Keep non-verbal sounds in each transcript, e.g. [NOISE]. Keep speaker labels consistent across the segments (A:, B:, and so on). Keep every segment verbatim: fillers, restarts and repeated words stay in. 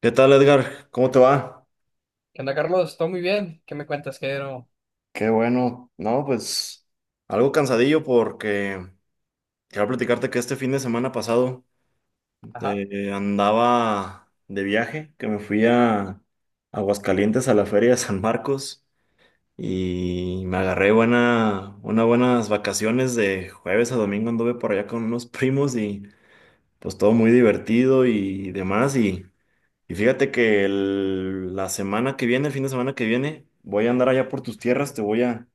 A: ¿Qué tal, Edgar? ¿Cómo te va?
B: ¿Qué onda, Carlos? Todo muy bien. ¿Qué me cuentas, ¿Qué no?
A: Qué bueno. No, pues algo cansadillo porque quiero platicarte que este fin de semana pasado
B: Ajá,
A: eh, andaba de viaje, que me fui a Aguascalientes a la Feria de San Marcos y me agarré buena, unas buenas vacaciones de jueves a domingo. Anduve por allá con unos [LAUGHS] primos y pues todo muy divertido y demás. Y, y fíjate que el- la semana que viene, el fin de semana que viene, voy a andar allá por tus tierras, te voy a...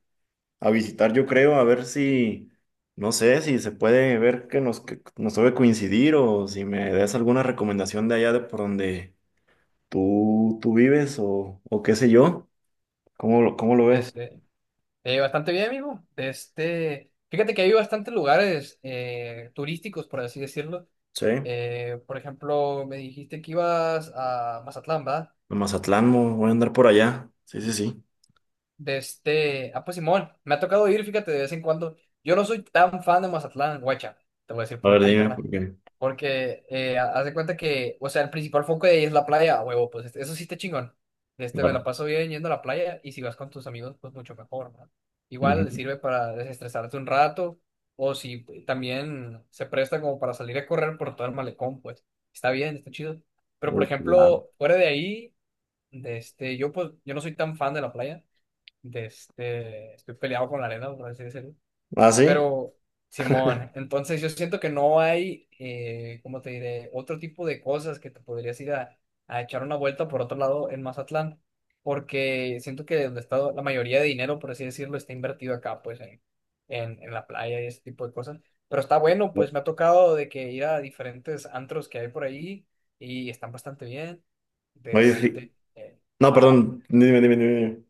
A: a visitar, yo creo, a ver si, no sé, si se puede ver que nos, que nos debe coincidir o si me des alguna recomendación de allá de por donde tú, tú vives o, o qué sé yo. ¿Cómo lo, cómo lo ves?
B: este, eh, bastante bien, amigo. Este, fíjate que hay bastantes lugares eh, turísticos, por así decirlo.
A: Sí, a
B: Eh, por ejemplo, me dijiste que ibas a Mazatlán, ¿verdad?
A: Mazatlán, mo- voy a andar por allá. Sí, sí, sí.
B: De este, ah, pues, Simón, me ha tocado ir, fíjate, de vez en cuando. Yo no soy tan fan de Mazatlán, guacha. Te voy a decir
A: A
B: por
A: ver,
B: qué,
A: dime
B: carnal.
A: por qué.
B: Porque eh, ha- haz de cuenta que, o sea, el principal foco de ahí es la playa, a huevo, pues este- eso sí está chingón. Este, me la
A: Claro.
B: paso bien yendo a la playa y si vas con tus amigos, pues mucho mejor, ¿no? Igual
A: Ujú.
B: sirve para desestresarte un rato o si eh, también se presta como para salir a correr por todo el malecón, pues está bien, está chido. Pero por
A: Uy, chulada.
B: ejemplo, fuera de ahí, de este, yo pues yo no soy tan fan de la playa. De este, estoy peleado con la arena, por así decirlo.
A: ¿Ah, sí?
B: Pero, Simón, entonces yo siento que no hay, eh, ¿cómo te diré? Otro tipo de cosas que te podrías ir a, a echar una vuelta por otro lado en Mazatlán, porque siento que donde está la mayoría de dinero, por así decirlo, está invertido acá, pues en, en, en la playa y ese tipo de cosas. Pero está bueno, pues me ha tocado de que ir a diferentes antros que hay por ahí y están bastante bien. De
A: Oye, fi-
B: este, eh,
A: no,
B: ajá.
A: perdón, dime, dime, dime.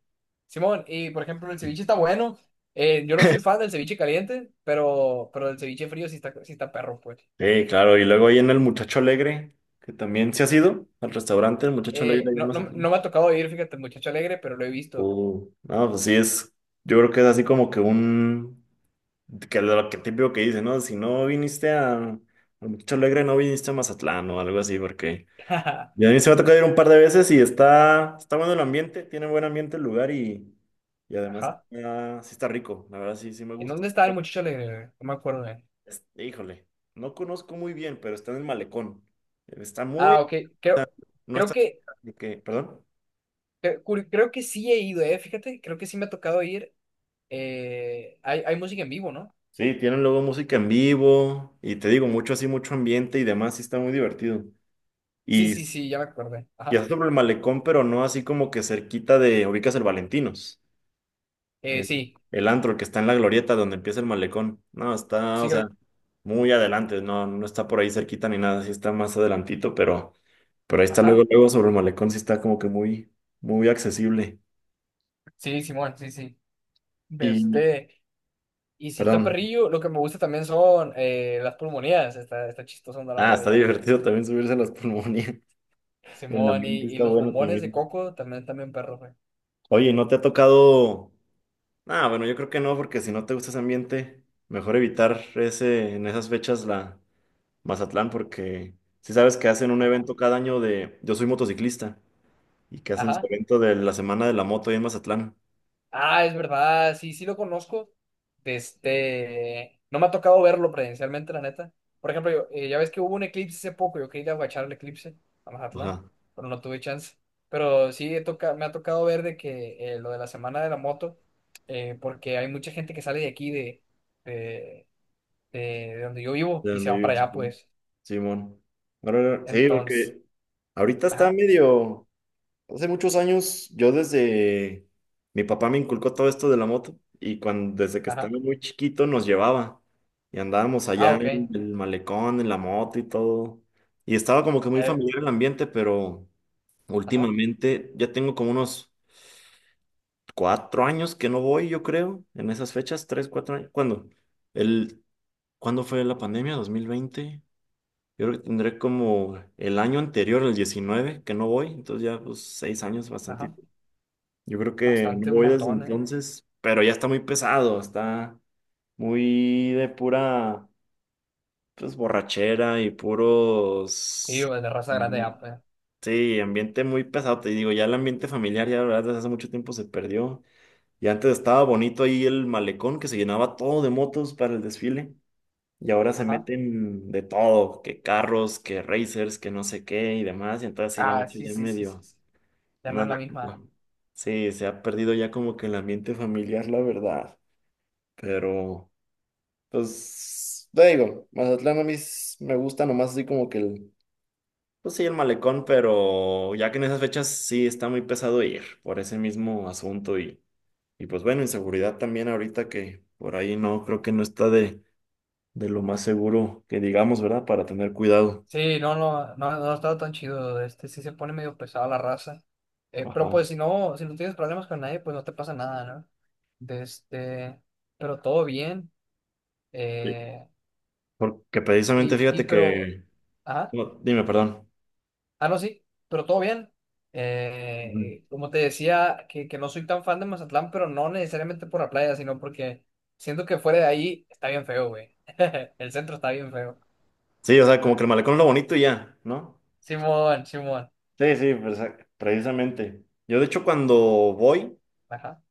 B: Simón, y por ejemplo, el ceviche está bueno. Eh, yo no
A: Dime.
B: soy fan
A: [LAUGHS]
B: del ceviche caliente, pero, pero el ceviche frío sí está, sí está perro, pues.
A: Sí, claro, y luego ahí en el Muchacho Alegre, que también se ha sido al restaurante El Muchacho
B: Eh,
A: Alegre allá en
B: no, no, no
A: Mazatlán.
B: me ha tocado ir, fíjate, el muchacho alegre, pero lo he visto.
A: Uh, no, pues sí es, yo creo que es así como que un, que lo que típico que dice, ¿no? Si no viniste a, a Muchacho Alegre, no viniste a Mazatlán o algo así, porque
B: [LAUGHS] Ajá.
A: ya a mí se me ha tocado ir un par de veces y está, está bueno el ambiente, tiene buen ambiente el lugar y, y además está- sí está rico, la verdad sí, sí me
B: ¿En
A: gusta.
B: dónde está el muchacho alegre? güey? No me acuerdo de él.
A: Es- híjole, no conozco muy bien, pero está en el malecón, está muy,
B: Ah, ok. Creo,
A: no
B: creo
A: está,
B: que,
A: de que, perdón.
B: cre- curi- creo que sí he ido, eh. Fíjate, creo que sí me ha tocado ir. Eh, hay, hay música en vivo, ¿no?
A: Sí, tienen luego música en vivo y te digo, mucho así, mucho ambiente y demás, sí está muy divertido.
B: Sí,
A: Y,
B: sí, sí, ya me acordé.
A: y
B: Ajá.
A: está sobre el malecón, pero no así como que cerquita de, ubicas el Valentinos,
B: Eh,
A: el,
B: sí,
A: el antro que está en la glorieta donde empieza el malecón. No, está,
B: sí,
A: o sea,
B: creo.
A: muy adelante, no, no está por ahí cerquita ni nada, sí está más adelantito, pero, pero ahí está luego,
B: Ajá.
A: luego sobre el malecón, sí está como que muy, muy accesible.
B: Sí, Simón, sí, sí. De
A: Y,
B: este. Y si
A: perdón,
B: está perrillo, lo que me gusta también son eh, las pulmonías. Está, está chistoso andar
A: ah,
B: larga de
A: está [LAUGHS]
B: ahí.
A: divertido también subirse a las pulmonías, [LAUGHS] el
B: Simón, y,
A: ambiente
B: y
A: está
B: los
A: bueno
B: bombones de
A: también.
B: coco también, también perro, güey.
A: Oye, ¿no te ha tocado? Ah, bueno, yo creo que no, porque si no te gusta ese ambiente, mejor evitar ese, en esas fechas la Mazatlán, porque si sabes que hacen un
B: Ajá.
A: evento cada año de Yo soy motociclista y que hacen su
B: Ajá.
A: evento de la Semana de la Moto ahí en Mazatlán.
B: Ah, es verdad. Sí, sí lo conozco. De este. No me ha tocado verlo presencialmente, la neta. Por ejemplo, yo- eh, ya ves que hubo un eclipse hace poco. Yo quería ir a guachar el eclipse a Mazatlán,
A: Ajá.
B: pero no tuve chance. Pero sí he toca- me ha tocado ver de que eh, lo de la semana de la moto, eh, porque hay mucha gente que sale de aquí de de. de, de donde yo vivo
A: De
B: y se
A: donde
B: van para
A: viven,
B: allá,
A: supongo.
B: pues.
A: Simón. Ahora, sí,
B: Entonces,
A: porque ahorita está
B: ajá,
A: medio. Hace muchos años, yo desde mi papá me inculcó todo esto de la moto y cuando desde que
B: ajá.
A: estaba muy chiquito nos llevaba y andábamos
B: Ah,
A: allá
B: ok.
A: en el malecón, en la moto y todo. Y estaba como que muy
B: eh,
A: familiar el ambiente, pero
B: ajá,
A: últimamente ya tengo como unos cuatro años que no voy, yo creo, en esas fechas, tres, cuatro años. ¿Cuándo? El, ¿cuándo fue la pandemia? Dos mil veinte. Yo creo que tendré como el año anterior, el diecinueve que no voy, entonces ya pues seis años, bastante.
B: ajá.
A: Yo creo que no
B: Bastante, un
A: voy desde
B: montón, ¿eh?
A: entonces, pero ya está muy pesado, está muy de pura, pues, borrachera y
B: Sí,
A: puros...
B: o de raza grande
A: mm,
B: ya, pues.
A: sí, ambiente muy pesado, te digo, ya el ambiente familiar ya, la verdad, desde hace mucho tiempo se perdió. Y antes estaba bonito ahí el malecón que se llenaba todo de motos para el desfile. Y ahora se
B: Ajá.
A: meten de todo, que carros, que racers, que no sé qué y demás. Y entonces sí lo han
B: Ah,
A: hecho
B: sí,
A: ya
B: sí, sí, sí,
A: medio.
B: sí. Ya no
A: No,
B: es la misma.
A: no. Sí, se ha perdido ya como que el ambiente familiar, la verdad. Pero, pues, te digo, Mazatlán a mí s- me gusta nomás así como que el, pues sí, el malecón, pero ya que en esas fechas sí está muy pesado ir por ese mismo asunto y, y pues bueno, inseguridad también ahorita que por ahí no, creo que no está de, de lo más seguro que digamos, ¿verdad? Para tener cuidado.
B: Sí, no, no, no, no ha estado tan chido. Este sí se pone medio pesado la raza. Eh, pero
A: Ajá.
B: pues si no, si no tienes problemas con nadie, pues no te pasa nada, ¿no? De este, pero todo bien.
A: Sí.
B: Eh,
A: Porque precisamente
B: y, y,
A: fíjate
B: pero,
A: que,
B: ajá.
A: no, dime, perdón.
B: Ah, no, sí, pero todo bien. Eh, como te decía, que, que no soy tan fan de Mazatlán, pero no necesariamente por la playa, sino porque siento que fuera de ahí está bien feo, güey. [LAUGHS] El centro está bien feo.
A: Sí, o sea, como que el malecón es lo bonito y ya, ¿no?
B: Simón, Simón.
A: Sí, sí, presa- precisamente. Yo de hecho cuando voy,
B: Ajá.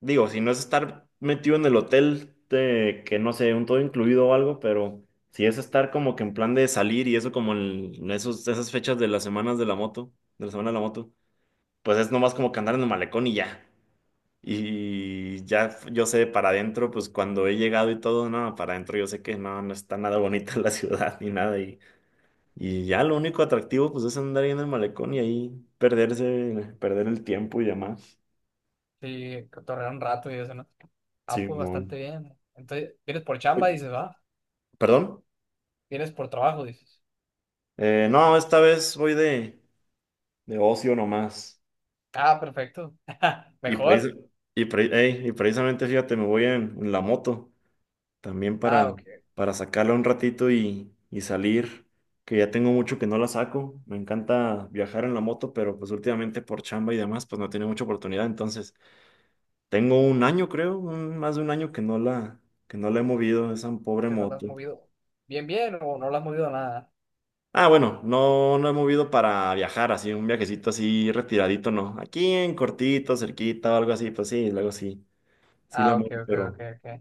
A: digo, si no es estar metido en el hotel de que no sé, un todo incluido o algo, pero si es estar como que en plan de salir y eso como en en esos, esas fechas de las semanas de la moto, de la semana de la moto, pues es nomás como que andar en el malecón y ya. Y ya yo sé para adentro, pues cuando he llegado y todo, no, para adentro yo sé que no, no está nada bonita [LAUGHS] la ciudad ni nada. Y ya lo único atractivo pues es andar ahí en el malecón y ahí perderse, perder el tiempo y demás.
B: Sí, cotorrear un rato y eso, ¿no? Ah, pues bastante
A: Simón.
B: bien. Entonces, vienes por chamba,
A: Uy,
B: dices, va.
A: ¿perdón?
B: Vienes por trabajo, dices.
A: Eh, no, esta vez voy de, de ocio nomás.
B: Ah, perfecto.
A: Y, precis-
B: Mejor.
A: y, pre- ey, y precisamente, fíjate, me voy en, en la moto también
B: Ah,
A: para,
B: ok.
A: para sacarla un ratito y, y salir, que ya tengo mucho que no la saco. Me encanta viajar en la moto, pero pues últimamente por chamba y demás, pues no tiene mucha oportunidad. Entonces, tengo un año, creo, un- más de un año que no la, que no la he movido, esa pobre
B: ¿Qué no lo has
A: moto.
B: movido? Bien, bien, o no lo has movido nada.
A: Ah, bueno, no, no he movido para viajar, así, un viajecito así retiradito, no. Aquí en cortito, cerquita o algo así, pues sí, luego sí, sí la
B: Ah, ok,
A: moto,
B: ok, ok,
A: pero,
B: ok.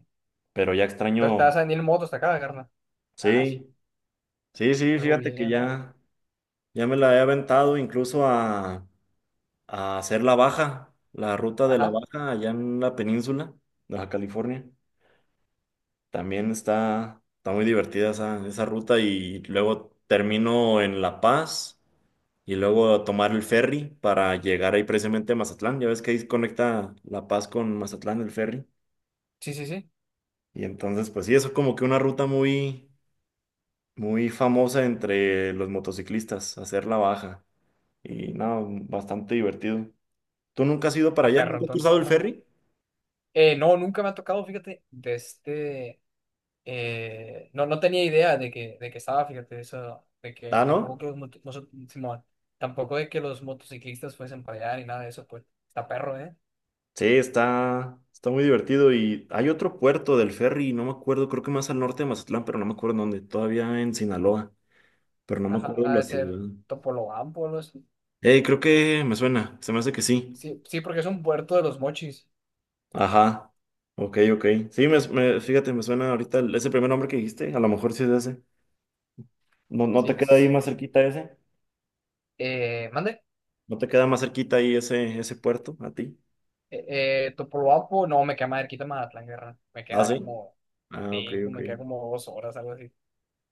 A: pero ya
B: Entonces
A: extraño.
B: te vas a venir en moto hasta acá, carnal. Ah, sí,
A: Sí, sí, sí,
B: algo
A: fíjate que
B: bien.
A: ya, ya me la he aventado incluso a, a hacer la baja, la ruta de la
B: Ajá.
A: baja allá en la península, Baja California. También está, está muy divertida esa, esa ruta y luego termino en La Paz y luego tomar el ferry para llegar ahí precisamente a Mazatlán. Ya ves que ahí conecta La Paz con Mazatlán el ferry.
B: Sí, sí, sí.
A: Y entonces, pues sí, eso es como que una ruta muy, muy famosa entre los motociclistas, hacer la baja. Y no, bastante divertido. ¿Tú nunca has ido para
B: Está
A: allá?
B: perro
A: ¿Nunca has
B: entonces,
A: cruzado el
B: carnal.
A: ferry?
B: Eh, no, nunca me ha tocado, fíjate, de este... eh, No, no tenía idea de que, de que, estaba, fíjate, eso, de que
A: Ah,
B: tampoco
A: ¿no?
B: que los moto- mozo- Simón, tampoco de que los motociclistas fuesen para allá ni nada de eso, pues. Está perro, ¿eh?
A: Sí, está, está muy divertido y hay otro puerto del ferry, no me acuerdo, creo que más al norte de Mazatlán, pero no me acuerdo en dónde, todavía en Sinaloa, pero no me
B: Ajá,
A: acuerdo
B: ha
A: la
B: de ser
A: ciudad.
B: Topolobampo, algo así.
A: Eh, creo que me suena, se me hace que sí.
B: Sí, sí, porque es un puerto de Los Mochis.
A: Ajá, ok, ok. Sí, me, me- fíjate, me suena ahorita el- ese primer nombre que dijiste, a lo mejor sí es ese. ¿No, no te
B: Sí,
A: queda ahí
B: sí,
A: más
B: sí.
A: cerquita ese?
B: Eh, ¿mande?
A: ¿No te queda más cerquita ahí ese, ese puerto a ti?
B: Eh, eh, Topolobampo, no, me queda más cerquita Mazatlán, guerra. Me
A: Ah,
B: queda
A: sí.
B: como
A: Ah, ok,
B: cinco,
A: ok.
B: me queda como dos horas, algo así.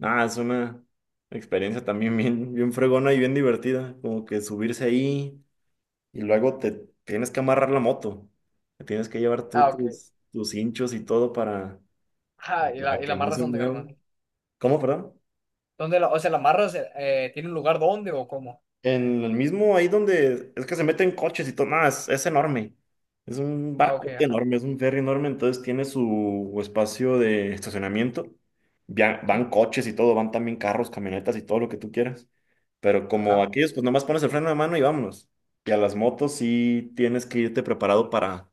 A: Ah, es una experiencia también bien, bien fregona y bien divertida, como que subirse ahí. Y luego te tienes que amarrar la moto. Te tienes que llevar tú
B: Ah, ok.
A: tus, tus hinchos y todo para,
B: Ah, y la,
A: para
B: y la
A: que no
B: marra es
A: se
B: donde,
A: mueva.
B: carnal.
A: ¿Cómo, perdón?
B: ¿Dónde la, o sea, la marra se- eh, tiene un lugar dónde o cómo?
A: En el mismo, ahí donde es que se meten coches y todo, nada, es, es enorme. Es un
B: Ah, ok,
A: barco
B: ajá.
A: enorme, es un ferry enorme, entonces tiene su espacio de estacionamiento. Ya
B: Sí,
A: van coches y todo, van también carros, camionetas y todo lo que tú quieras. Pero como
B: ajá.
A: aquellos, pues nomás pones el freno de mano y vámonos. Y a las motos sí tienes que irte preparado para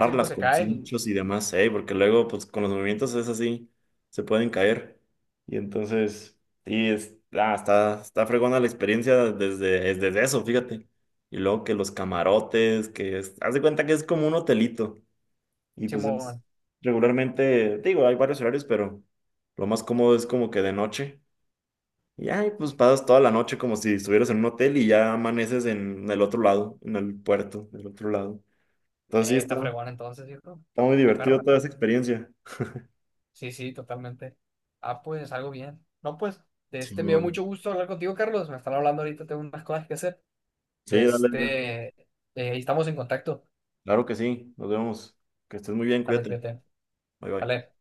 B: Sí, pues se
A: con
B: cae el,
A: cinchos y demás, ¿eh? Porque luego, pues con los movimientos es así, se pueden caer. Y entonces y es, ah, está, está fregona la experiencia desde, es desde eso, fíjate. Y luego que los camarotes, que es, haz de cuenta que es como un hotelito. Y pues es
B: Simón.
A: regularmente, digo, hay varios horarios, pero lo más cómodo es como que de noche. Y ahí pues pasas toda la noche como si estuvieras en un hotel y ya amaneces en el otro lado, en el puerto, del otro lado. Entonces sí,
B: Eh,
A: está,
B: está fregón entonces, ¿cierto?
A: está muy
B: ¡Qué
A: divertido
B: perro!
A: toda esa experiencia.
B: Sí, sí, totalmente. Ah, pues algo bien. No, pues, de este me dio
A: Simón.
B: mucho gusto hablar contigo, Carlos. Me están hablando ahorita, tengo unas cosas que hacer.
A: Sí,
B: De
A: dale, Edgar.
B: este, eh, Estamos en contacto.
A: Claro que sí, nos vemos. Que estés muy bien,
B: Dale,
A: cuídate.
B: cuídate.
A: Bye bye.
B: Dale.